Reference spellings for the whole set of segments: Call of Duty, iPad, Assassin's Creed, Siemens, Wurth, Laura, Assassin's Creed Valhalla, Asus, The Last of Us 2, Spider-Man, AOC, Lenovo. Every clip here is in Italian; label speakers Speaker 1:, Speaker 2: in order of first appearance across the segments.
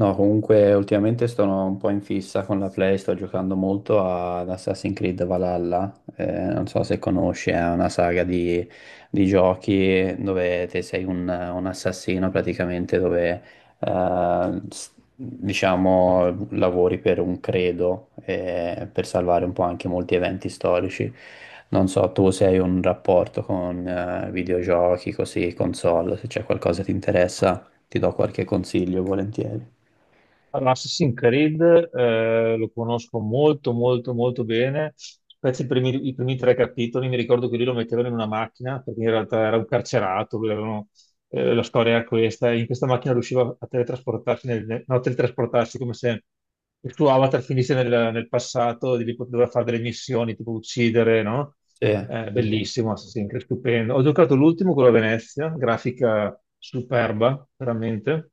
Speaker 1: No, comunque ultimamente sono un po' in fissa con la Play, sto giocando molto ad Assassin's Creed Valhalla, non so se conosci, è una saga di giochi dove te sei un assassino praticamente, dove diciamo lavori per un credo per salvare un po' anche molti eventi storici. Non so, tu se hai un rapporto con videogiochi, così, console, se c'è qualcosa che ti interessa, ti do qualche consiglio volentieri.
Speaker 2: Allora, Assassin's Creed lo conosco molto molto molto bene, specie i primi tre capitoli. Mi ricordo che lui lo mettevano in una macchina perché in realtà era un carcerato, la storia era questa, e in questa macchina riusciva a teletrasportarsi, nel, no, a teletrasportarsi come se il suo avatar finisse nel passato, e di lì doveva fare delle missioni tipo uccidere, no?
Speaker 1: Sì,
Speaker 2: Eh,
Speaker 1: sì, sì.
Speaker 2: bellissimo, Assassin's Creed, stupendo. Ho giocato l'ultimo, quello a Venezia, grafica superba, veramente.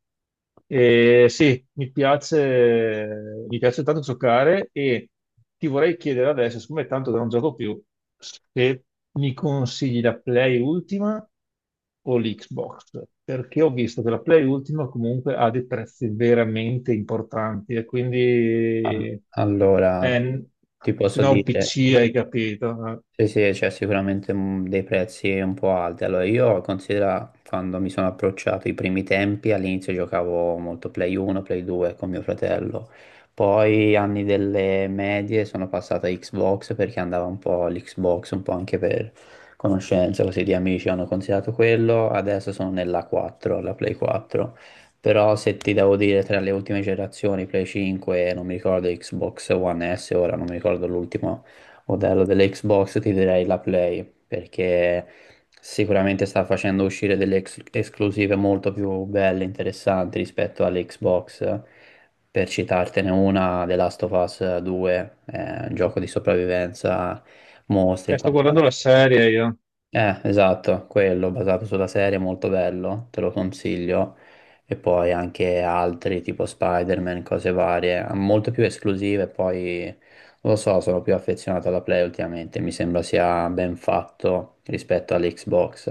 Speaker 2: E sì, mi piace tanto giocare, e ti vorrei chiedere adesso, siccome è tanto che non gioco più, se mi consigli la Play Ultima o l'Xbox, perché ho visto che la Play Ultima comunque ha dei prezzi veramente importanti e quindi
Speaker 1: Allora,
Speaker 2: eh,
Speaker 1: ti
Speaker 2: se
Speaker 1: posso
Speaker 2: no un
Speaker 1: dire,
Speaker 2: PC, hai capito. eh.
Speaker 1: sì, sì, c'è sicuramente dei prezzi un po' alti. Allora, io considero quando mi sono approcciato i primi tempi, all'inizio giocavo molto Play 1, Play 2 con mio fratello. Poi anni delle medie sono passato a Xbox perché andava un po' l'Xbox, un po' anche per conoscenza, così di amici hanno considerato quello. Adesso sono nella 4, la Play 4. Però se ti devo dire tra le ultime generazioni, Play 5, non mi ricordo Xbox One S, ora non mi ricordo l'ultimo modello dell'Xbox, ti direi la Play, perché sicuramente sta facendo uscire delle esclusive molto più belle, interessanti rispetto all'Xbox. Per citartene una, The Last of Us 2, è un gioco di sopravvivenza, mostri e
Speaker 2: Eh, sto guardando
Speaker 1: quant'altro.
Speaker 2: la serie io.
Speaker 1: Esatto, quello basato sulla serie, è molto bello, te lo consiglio. E poi anche altri tipo Spider-Man, cose varie, molto più esclusive. Poi non lo so, sono più affezionato alla Play ultimamente. Mi sembra sia ben fatto rispetto all'Xbox.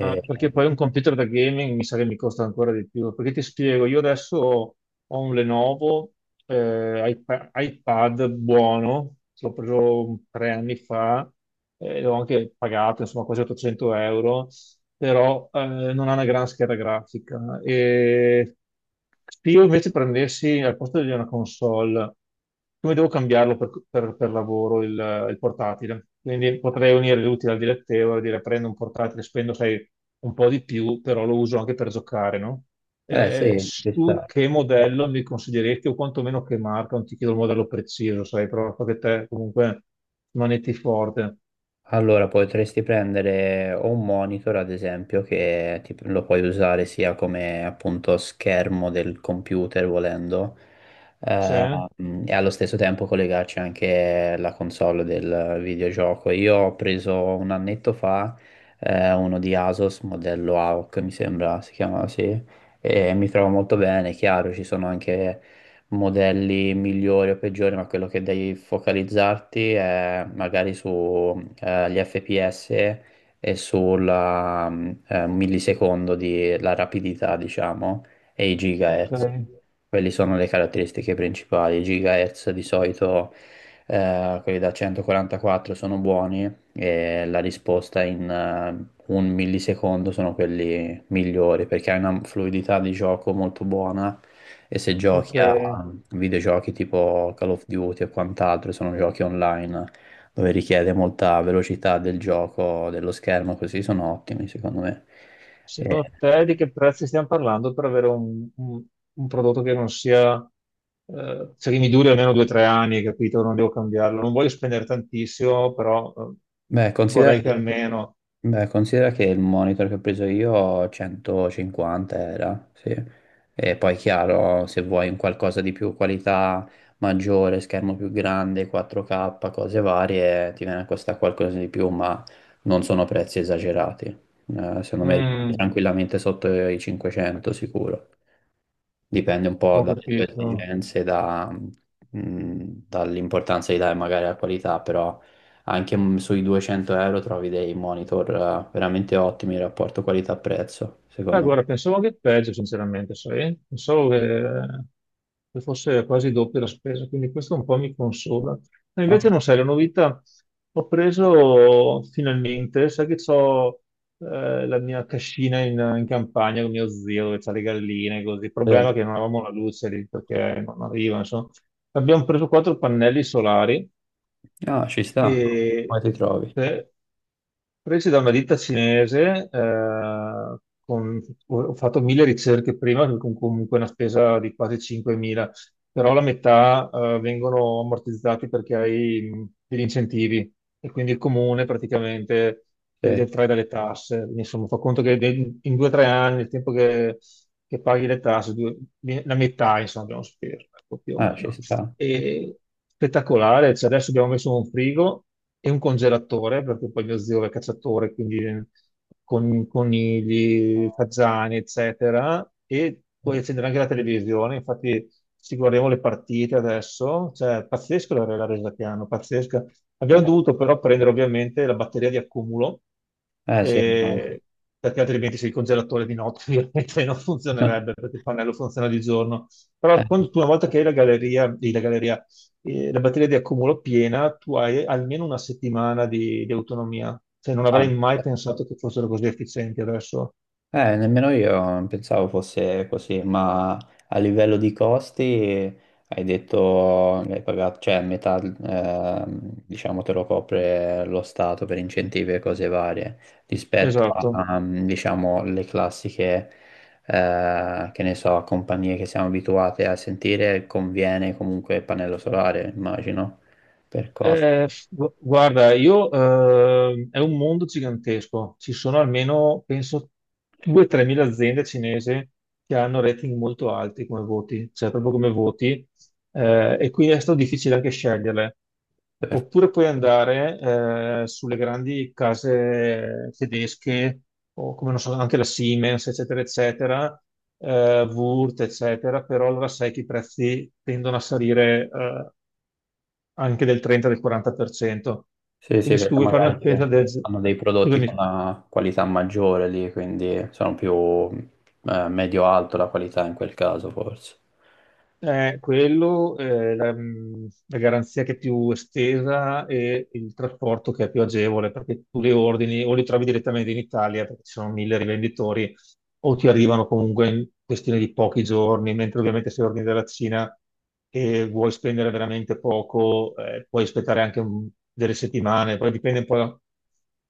Speaker 2: Ah, perché poi un computer da gaming mi sa che mi costa ancora di più. Perché ti spiego, io adesso ho un Lenovo iPad buono, l'ho preso 3 anni fa, e l'ho anche pagato, insomma, quasi 800 euro. Però non ha una gran scheda grafica. E se io invece prendessi al posto di una console, come devo cambiarlo per lavoro il portatile? Quindi potrei unire l'utile al dilettevole, dire: prendo un portatile, spendo, sai, un po' di più, però lo uso anche per giocare, no?
Speaker 1: eh sì, ci
Speaker 2: Su
Speaker 1: sta.
Speaker 2: che modello mi consiglieresti o quantomeno che marca? Non ti chiedo il modello preciso, sai, però so che te comunque manetti forte.
Speaker 1: Allora, potresti prendere o un monitor, ad esempio, che lo puoi usare sia come appunto schermo del computer volendo, eh,
Speaker 2: Sì?
Speaker 1: e allo stesso tempo collegarci anche la console del videogioco. Io ho preso un annetto fa, uno di Asus, modello AOC, mi sembra si chiama, sì, e mi trovo molto bene, chiaro, ci sono anche modelli migliori o peggiori, ma quello che devi focalizzarti è magari sugli FPS e sul millisecondo di la rapidità, diciamo, e i
Speaker 2: Ok,
Speaker 1: gigahertz. Quelle sono le caratteristiche principali. I gigahertz di solito, quelli da 144 sono buoni e la risposta in un millisecondo sono quelli migliori perché hai una fluidità di gioco molto buona e se
Speaker 2: ok.
Speaker 1: giochi a videogiochi tipo Call of Duty o quant'altro, sono giochi online dove richiede molta velocità del gioco, dello schermo, così sono ottimi secondo me. E-
Speaker 2: Secondo te di che prezzi stiamo parlando per avere un prodotto che non sia, cioè che mi duri almeno 2 o 3 anni, capito? Non devo cambiarlo. Non voglio spendere tantissimo, però
Speaker 1: beh, considera
Speaker 2: vorrei che
Speaker 1: che
Speaker 2: almeno...
Speaker 1: beh, considera che il monitor che ho preso io 150 era, sì. E poi chiaro, se vuoi un qualcosa di più, qualità maggiore, schermo più grande, 4K, cose varie, ti viene a costare qualcosa di più, ma non sono prezzi esagerati. Secondo me rimani
Speaker 2: Mm,
Speaker 1: tranquillamente sotto i 500 sicuro. Dipende un po
Speaker 2: ho
Speaker 1: dalle tue
Speaker 2: capito.
Speaker 1: esigenze, dall'importanza di dare magari alla qualità, però anche sui 200 € trovi dei monitor veramente ottimi in rapporto qualità-prezzo,
Speaker 2: Beh,
Speaker 1: secondo me.
Speaker 2: guarda, pensavo che peggio, sinceramente, sai? Pensavo che fosse quasi doppia la spesa, quindi questo un po' mi consola. Ma invece
Speaker 1: Oh,
Speaker 2: non sai, la novità: ho preso finalmente, sai che ho la mia cascina in campagna con mio zio, dove c'ha le galline, così. Il
Speaker 1: sì.
Speaker 2: problema è che non avevamo la luce lì, perché non arriva, insomma. Abbiamo preso quattro pannelli solari,
Speaker 1: Ah, ci sta. Come
Speaker 2: e
Speaker 1: ti trovi?
Speaker 2: eh, presi da una ditta cinese, con- ho fatto mille ricerche prima, che con comunque una spesa di quasi 5.000, però la metà vengono ammortizzati perché hai degli incentivi, e quindi il comune praticamente te li
Speaker 1: Sì.
Speaker 2: detrae dalle tasse. Quindi, insomma, fa conto che in 2 o 3 anni, il tempo che paghi le tasse, la metà, insomma, abbiamo speso, ecco, più o
Speaker 1: Ah, ci
Speaker 2: meno.
Speaker 1: sta.
Speaker 2: E spettacolare, cioè, adesso abbiamo messo un frigo e un congelatore, perché poi mio zio è cacciatore, quindi con conigli, fagiani, eccetera, e
Speaker 1: Sì.
Speaker 2: puoi accendere anche la televisione. Infatti ci guardiamo le partite adesso, cioè pazzesco la resa che hanno, pazzesca.
Speaker 1: Eh,
Speaker 2: Abbiamo dovuto però prendere ovviamente la batteria di accumulo,
Speaker 1: sì, ma...
Speaker 2: eh, perché altrimenti se il congelatore di notte ovviamente non funzionerebbe, perché il pannello funziona di giorno. Però
Speaker 1: Eh,
Speaker 2: quando tu, una volta che hai la galleria, la galleria, la batteria di accumulo piena, tu hai almeno una settimana di autonomia. Cioè, non
Speaker 1: ah.
Speaker 2: avrei mai pensato che fossero così efficienti adesso.
Speaker 1: Nemmeno io non pensavo fosse così, ma a livello di costi hai detto che hai pagato, cioè metà, diciamo, te lo copre lo Stato per incentivi e cose varie, rispetto
Speaker 2: Esatto.
Speaker 1: a, diciamo, le classiche, che ne so, compagnie che siamo abituate a sentire, conviene comunque il pannello solare, immagino, per costi.
Speaker 2: Guarda, è un mondo gigantesco. Ci sono almeno, penso, 2-3 mila aziende cinesi che hanno rating molto alti come voti, cioè proprio come voti, e quindi è stato difficile anche sceglierle. Oppure puoi andare sulle grandi case tedesche, o, come non so, anche la Siemens, eccetera, eccetera, Wurth, eccetera, però allora sai che i prezzi tendono a salire anche del 30-40%.
Speaker 1: Sì, sì,
Speaker 2: Quindi se tu
Speaker 1: perché
Speaker 2: vuoi fare
Speaker 1: magari
Speaker 2: una spesa del...
Speaker 1: hanno dei prodotti con
Speaker 2: Scusami.
Speaker 1: una qualità maggiore lì, quindi sono più medio-alto la qualità in quel caso, forse.
Speaker 2: Quello, la garanzia che è più estesa e il trasporto che è più agevole, perché tu li ordini o li trovi direttamente in Italia, perché ci sono mille rivenditori, o ti arrivano comunque in questione di pochi giorni, mentre ovviamente se ordini dalla Cina e vuoi spendere veramente poco, puoi aspettare anche delle settimane, poi dipende un po'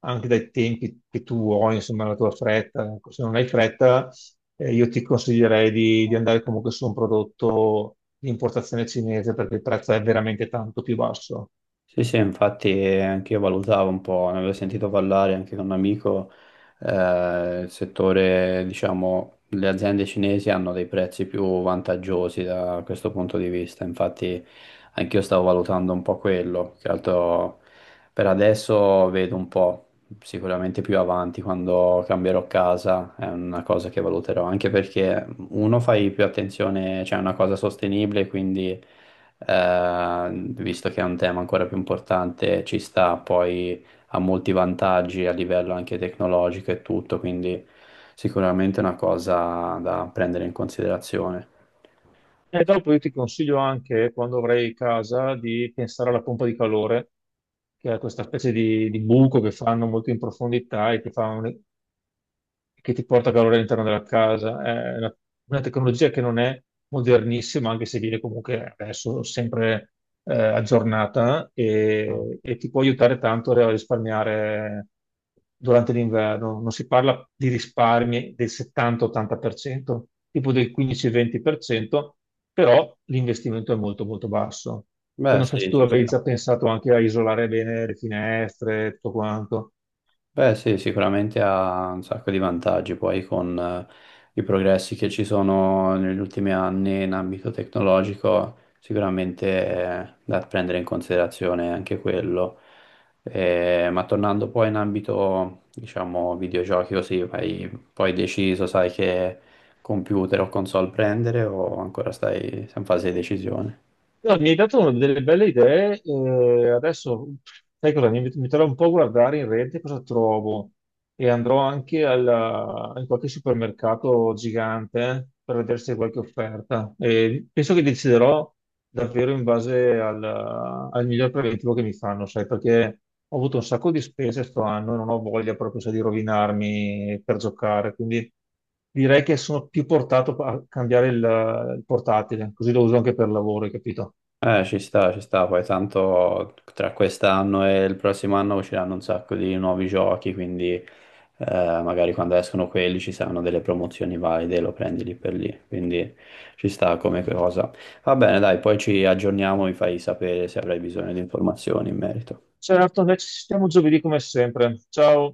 Speaker 2: anche dai tempi che tu vuoi, insomma, la tua fretta. Ecco, se non hai fretta, io ti consiglierei di andare comunque su un prodotto di importazione cinese, perché il prezzo è veramente tanto più basso.
Speaker 1: Sì, sì, infatti anche io valutavo un po', ne avevo sentito parlare anche con un amico, il settore, diciamo, le aziende cinesi hanno dei prezzi più vantaggiosi da questo punto di vista, infatti anche io stavo valutando un po' quello, che altro per adesso vedo un po', sicuramente più avanti quando cambierò casa è una cosa che valuterò, anche perché uno fai più attenzione, cioè è una cosa sostenibile, quindi visto che è un tema ancora più importante, ci sta, poi ha molti vantaggi a livello anche tecnologico e tutto, quindi sicuramente è una cosa da prendere in considerazione.
Speaker 2: E dopo io ti consiglio anche, quando avrai casa, di pensare alla pompa di calore, che è questa specie di buco che fanno molto in profondità e che ti porta calore all'interno della casa. È una tecnologia che non è modernissima, anche se viene comunque adesso sempre aggiornata, e ti può aiutare tanto a risparmiare durante l'inverno. Non si parla di risparmi del 70-80%, tipo del 15-20%, però l'investimento è molto molto basso. Poi
Speaker 1: Beh,
Speaker 2: non so se
Speaker 1: sì,
Speaker 2: tu
Speaker 1: ci
Speaker 2: avevi
Speaker 1: sta.
Speaker 2: già pensato anche a isolare bene le finestre e tutto quanto.
Speaker 1: Beh, sì, sicuramente ha un sacco di vantaggi poi con i progressi che ci sono negli ultimi anni in ambito tecnologico, sicuramente è da prendere in considerazione anche quello. Ma tornando poi in ambito, diciamo, videogiochi così, hai poi deciso, sai che computer o console prendere o ancora stai in fase di decisione?
Speaker 2: No, mi hai dato delle belle idee, adesso sai cosa? Mi metterò un po' a guardare in rete cosa trovo, e andrò anche in qualche supermercato gigante per vedere se c'è qualche offerta. E penso che deciderò davvero in base al miglior preventivo che mi fanno, sai, perché ho avuto un sacco di spese sto anno e non ho voglia, proprio sai, di rovinarmi per giocare, quindi direi che sono più portato a cambiare il portatile, così lo uso anche per lavoro, hai capito?
Speaker 1: Ci sta, poi tanto tra quest'anno e il prossimo anno usciranno un sacco di nuovi giochi, quindi magari quando escono quelli ci saranno delle promozioni valide, lo prendi lì per lì, quindi ci sta come cosa. Va bene, dai, poi ci aggiorniamo, mi fai sapere se avrai bisogno di informazioni in merito.
Speaker 2: Certo, noi ci sentiamo giovedì come sempre. Ciao.